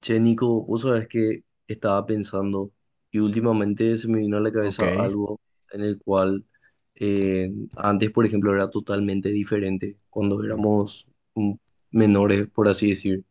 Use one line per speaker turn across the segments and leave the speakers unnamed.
Che, Nico, vos sabés que estaba pensando y últimamente se me vino a la
Ok,
cabeza algo en el cual antes, por ejemplo, era totalmente diferente cuando
ujú,
éramos mm, menores, por así decir.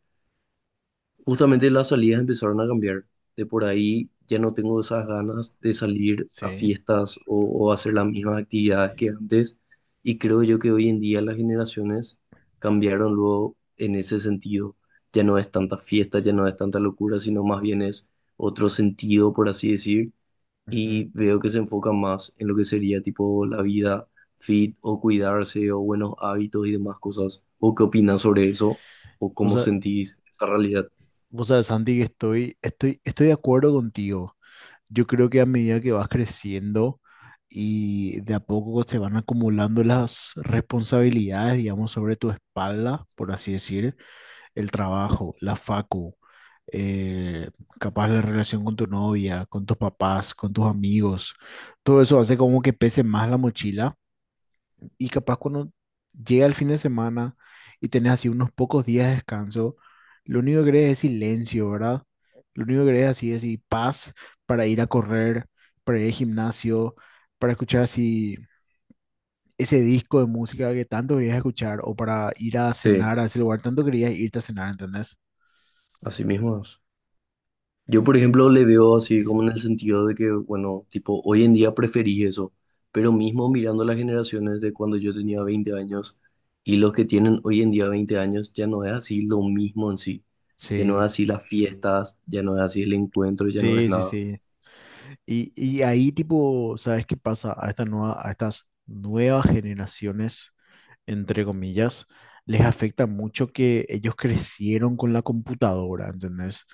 Justamente las salidas empezaron a cambiar. De por ahí ya no tengo esas ganas de salir a
sí.
fiestas o hacer las mismas actividades que antes. Y creo yo que hoy en día las generaciones cambiaron luego en ese sentido. Ya no es tanta fiesta, ya no es tanta locura, sino más bien es otro sentido, por así decir.
Ujú.
Y veo que se enfoca más en lo que sería tipo la vida fit o cuidarse o buenos hábitos y demás cosas. ¿O qué opinas sobre eso? ¿O
Vos,
cómo
sa-
sentís esa realidad?
Vos sabés, Santi, que estoy de acuerdo contigo. Yo creo que a medida que vas creciendo y de a poco se van acumulando las responsabilidades, digamos, sobre tu espalda, por así decir, el trabajo, la facu, eh, capaz la relación con tu novia, con tus papás, con tus amigos, todo eso hace como que pese más la mochila. Y capaz cuando llega el fin de semana y tenés así unos pocos días de descanso, lo único que querés es silencio, ¿verdad? Lo único que querés así es así, paz para ir a correr, para ir al gimnasio, para escuchar así ese disco de música que tanto querías escuchar o para ir a
Sí,
cenar a ese lugar, tanto querías irte a cenar, ¿entendés?
así mismo es. Yo, por ejemplo, le veo así como en el sentido de que, bueno, tipo, hoy en día preferí eso, pero mismo mirando las generaciones de cuando yo tenía 20 años y los que tienen hoy en día 20 años, ya no es así lo mismo en sí, ya no
Sí,
es así las fiestas, ya no es así el encuentro, ya no es
sí, sí,
nada.
sí. Y ahí tipo, ¿sabes qué pasa? A esta nueva, a estas nuevas generaciones, entre comillas, les afecta mucho que ellos crecieron con la computadora, ¿entendés?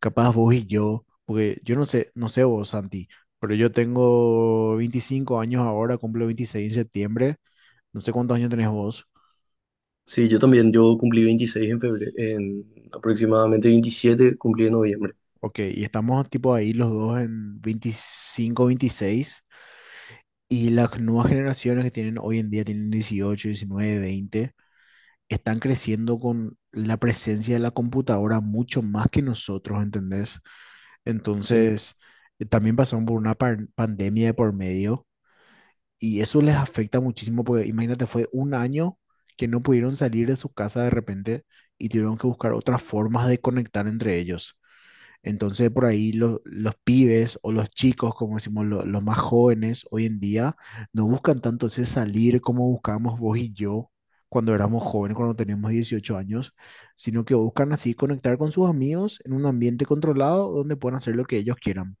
Capaz vos y yo, porque yo no sé, no sé vos, Santi, pero yo tengo 25 años ahora, cumplo 26 en septiembre, no sé cuántos años tenés vos.
Sí, yo también, yo cumplí 26 en febrero, en aproximadamente 27 cumplí en noviembre.
Ok, y estamos tipo ahí los dos en 25, 26, y las nuevas generaciones que tienen hoy en día tienen 18, 19, 20. Están creciendo con la presencia de la computadora mucho más que nosotros, ¿entendés?
Sí.
Entonces, también pasaron por una pandemia de por medio y eso les afecta muchísimo porque imagínate, fue un año que no pudieron salir de su casa de repente y tuvieron que buscar otras formas de conectar entre ellos. Entonces, por ahí los pibes o los chicos, como decimos, los más jóvenes hoy en día, no buscan tanto ese salir como buscábamos vos y yo cuando éramos jóvenes, cuando teníamos 18 años, sino que buscan así conectar con sus amigos en un ambiente controlado donde puedan hacer lo que ellos quieran,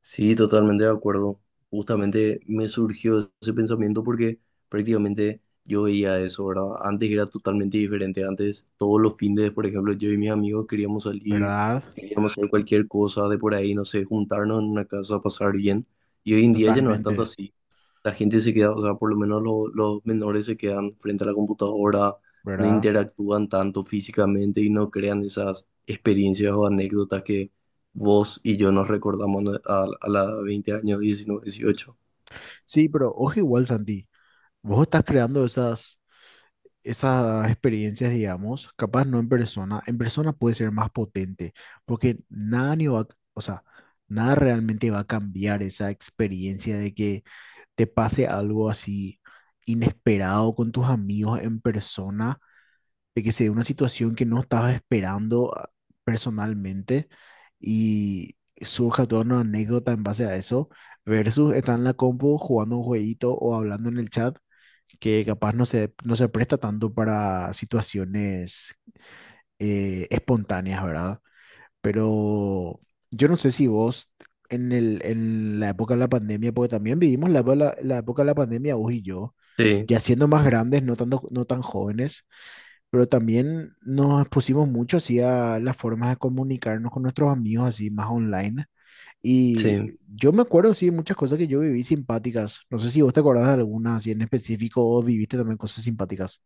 Sí, totalmente de acuerdo. Justamente me surgió ese pensamiento porque prácticamente yo veía eso, ¿verdad? Antes era totalmente diferente. Antes, todos los fines, por ejemplo, yo y mis amigos queríamos salir,
¿verdad?
queríamos hacer cualquier cosa de por ahí, no sé, juntarnos en una casa, pasar bien. Y hoy en día ya no es tanto
Totalmente,
así. La gente se queda, o sea, por lo menos lo- los menores se quedan frente a la computadora, no
¿verdad?
interactúan tanto físicamente y no crean esas experiencias o anécdotas vos y yo nos recordamos a la 20 años, 19, 18.
Sí, pero ojo igual, Santi, vos estás creando esas esas experiencias, digamos, capaz no en persona, en persona puede ser más potente, porque nada ni va, o sea, nada realmente va a cambiar esa experiencia de que te pase algo así inesperado con tus amigos en persona de que se dé una situación que no estabas esperando ah, personalmente, y surja toda una anécdota en base a eso, versus estar en la compu jugando un jueguito o hablando en el chat, que capaz no se presta tanto para situaciones espontáneas, ¿verdad? Pero yo no sé si vos en el, en la época de la pandemia, porque también vivimos la época de la pandemia, vos y yo,
Sí,
ya siendo más grandes, no tanto, no tan jóvenes, pero también nos pusimos mucho así a las formas de comunicarnos con nuestros amigos así más online.
sí,
Y yo me acuerdo, sí, muchas cosas que yo viví simpáticas. No sé si vos te acordás de algunas así en específico o viviste también cosas simpáticas.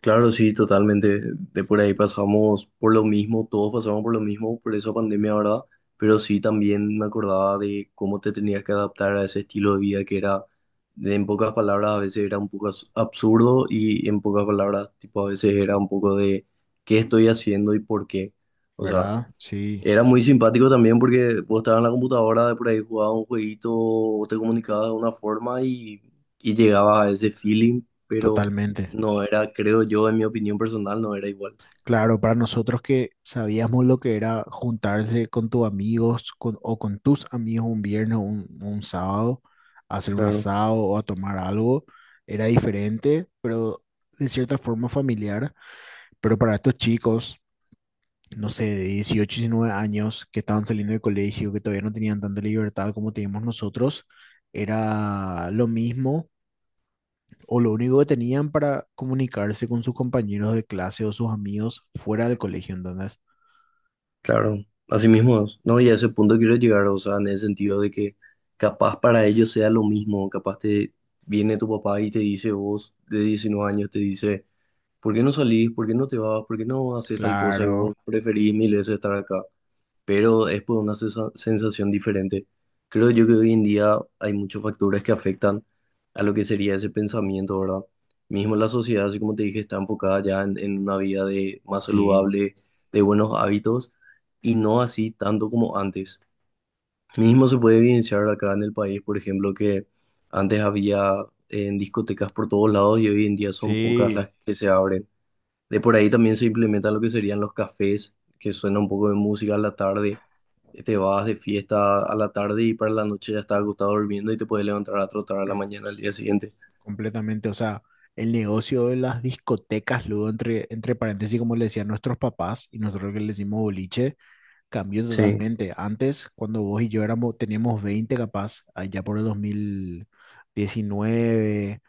claro, sí, totalmente. De por ahí pasamos por lo mismo, todos pasamos por lo mismo, por esa pandemia, ¿verdad? Pero sí también me acordaba de cómo te tenías que adaptar a ese estilo de vida que era, en pocas palabras, a veces era un poco absurdo y en pocas palabras, tipo, a veces era un poco de qué estoy haciendo y por qué. O sea,
¿Verdad? Sí,
era muy simpático también porque vos estabas en la computadora, de por ahí jugabas un jueguito, o te comunicabas de una forma y llegabas a ese feeling, pero
totalmente.
no era, creo yo, en mi opinión personal, no era igual.
Claro, para nosotros que sabíamos lo que era juntarse con tus amigos con- o con tus amigos un viernes o un sábado, a hacer un
Claro,
asado o a tomar algo, era diferente, pero de cierta forma familiar. Pero para estos chicos, no sé, de 18, 19 años, que estaban saliendo del colegio, que todavía no tenían tanta libertad como teníamos nosotros, era lo mismo o lo único que tenían para comunicarse con sus compañeros de clase o sus amigos fuera del colegio, entonces.
claro. Así mismo es. No, y a ese punto quiero llegar, o sea, en el sentido de que capaz para ellos sea lo mismo, capaz te viene tu papá y te dice, vos de 19 años, te dice. ¿Por qué no salís? ¿Por qué no te vas? ¿Por qué no haces tal cosa? Y
Claro,
vos preferís mil veces estar acá. Pero es por una sensación diferente. Creo yo que hoy en día hay muchos factores que afectan a lo que sería ese pensamiento, ¿verdad? Mismo la sociedad, así como te dije, está enfocada ya en una vida de, más
sí,
saludable, de buenos hábitos, y no así tanto como antes. Mismo se puede evidenciar acá en el país, por ejemplo, que antes había en discotecas por todos lados y hoy en día son pocas
sí,
las que se abren. De por ahí también se implementan lo que serían los cafés, que suena un poco de música a la tarde. Te vas de fiesta a la tarde y para la noche ya estás acostado durmiendo y te puedes levantar a trotar a la mañana al día siguiente.
completamente. O sea, el negocio de las discotecas, luego entre, entre paréntesis, como le decían nuestros papás y nosotros que le decimos boliche, cambió
Sí,
totalmente. Antes, cuando vos y yo éramos, teníamos 20 capaz, allá por el 2019,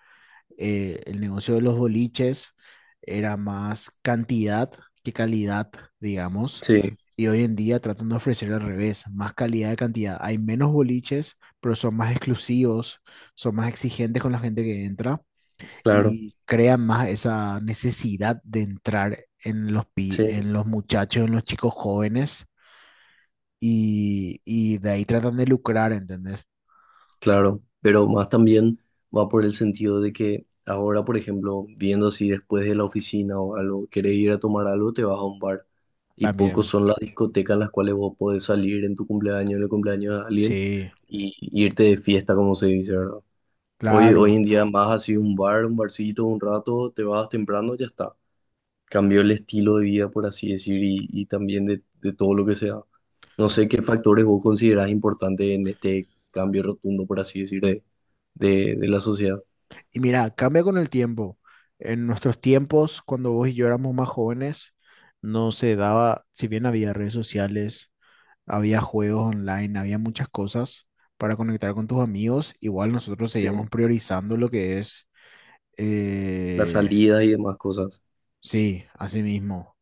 el negocio de los boliches era más cantidad que calidad, digamos.
sí,
Y hoy en día tratan de ofrecer al revés, más calidad de cantidad. Hay menos boliches, pero son más exclusivos, son más exigentes con la gente que entra,
claro,
y crean más esa necesidad de entrar en los,
sí,
en los muchachos, en los chicos jóvenes, y de ahí tratan de lucrar, ¿entendés?
claro. Pero más también va por el sentido de que ahora, por ejemplo, viendo si después de la oficina o algo, querés ir a tomar algo, te vas a un bar. Y pocos
También,
son las discotecas en las cuales vos podés salir en tu cumpleaños, en el cumpleaños de alguien
sí.
y irte de fiesta, como se dice, ¿verdad? Hoy, hoy
Claro.
en día más así un bar, un barcito, un rato, te vas temprano, ya está. Cambió el estilo de vida, por así decir, y también de todo lo que sea. No sé qué factores vos considerás importantes en este cambio rotundo, por así decir, de la sociedad.
Y mira, cambia con el tiempo. En nuestros tiempos, cuando vos y yo éramos más jóvenes, no se daba, si bien había redes sociales, había juegos online, había muchas cosas para conectar con tus amigos, igual nosotros
Sí.
seguíamos priorizando lo que es,
Las
eh,
salidas y demás cosas.
sí, así mismo.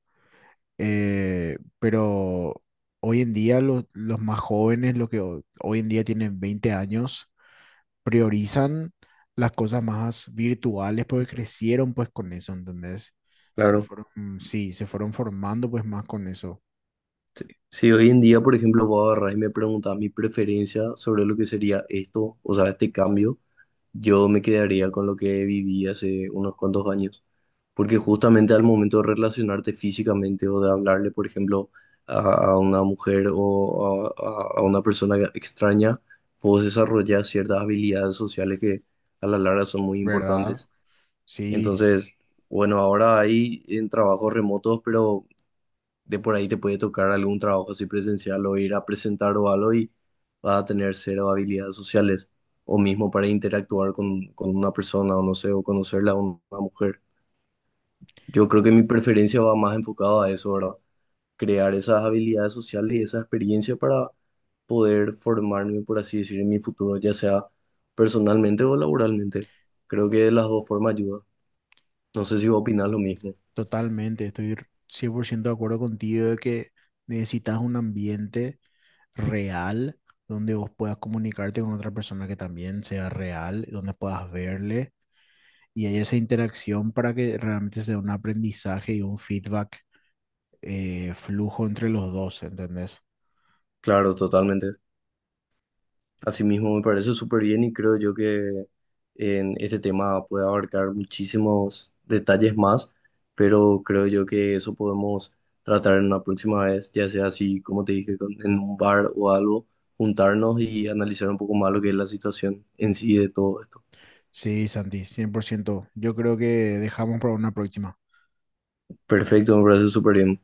Pero hoy en día los más jóvenes, los que hoy en día tienen 20 años, priorizan las cosas más virtuales porque crecieron pues con eso, ¿entendés? Se
Claro.
fueron, mm, sí, se fueron formando pues más con eso,
Sí. Si hoy en día, por ejemplo, vos agarrás y me preguntás mi preferencia sobre lo que sería esto, o sea, este cambio, yo me quedaría con lo que viví hace unos cuantos años. Porque justamente al momento de relacionarte físicamente o de hablarle, por ejemplo, a, a una mujer o a una persona extraña, vos desarrollas ciertas habilidades sociales que a la larga son muy
¿verdad?
importantes.
Sí,
Entonces, bueno, ahora hay en trabajos remotos, pero de por ahí te puede tocar algún trabajo así presencial o ir a presentar o algo y vas a tener cero habilidades sociales o mismo para interactuar con una persona o no sé, o conocerla a una mujer. Yo creo que mi preferencia va más enfocada a eso, ¿verdad? Crear esas habilidades sociales y esa experiencia para poder formarme, por así decir, en mi futuro, ya sea personalmente o laboralmente. Creo que de las dos formas ayuda. No sé si vos opinás lo mismo.
totalmente, estoy 100% de acuerdo contigo de que necesitas un ambiente real donde vos puedas comunicarte con otra persona que también sea real, donde puedas verle, y hay esa interacción para que realmente sea un aprendizaje y un feedback flujo entre los dos, ¿entendés?
Claro, totalmente. Asimismo, me parece súper bien y creo yo que en este tema puede abarcar muchísimos detalles más, pero creo yo que eso podemos tratar en una próxima vez, ya sea así, como te dije, en un bar o algo, juntarnos y analizar un poco más lo que es la situación en sí de todo esto.
Sí, Santi, 100%. Yo creo que dejamos para una próxima.
Perfecto, me parece súper bien.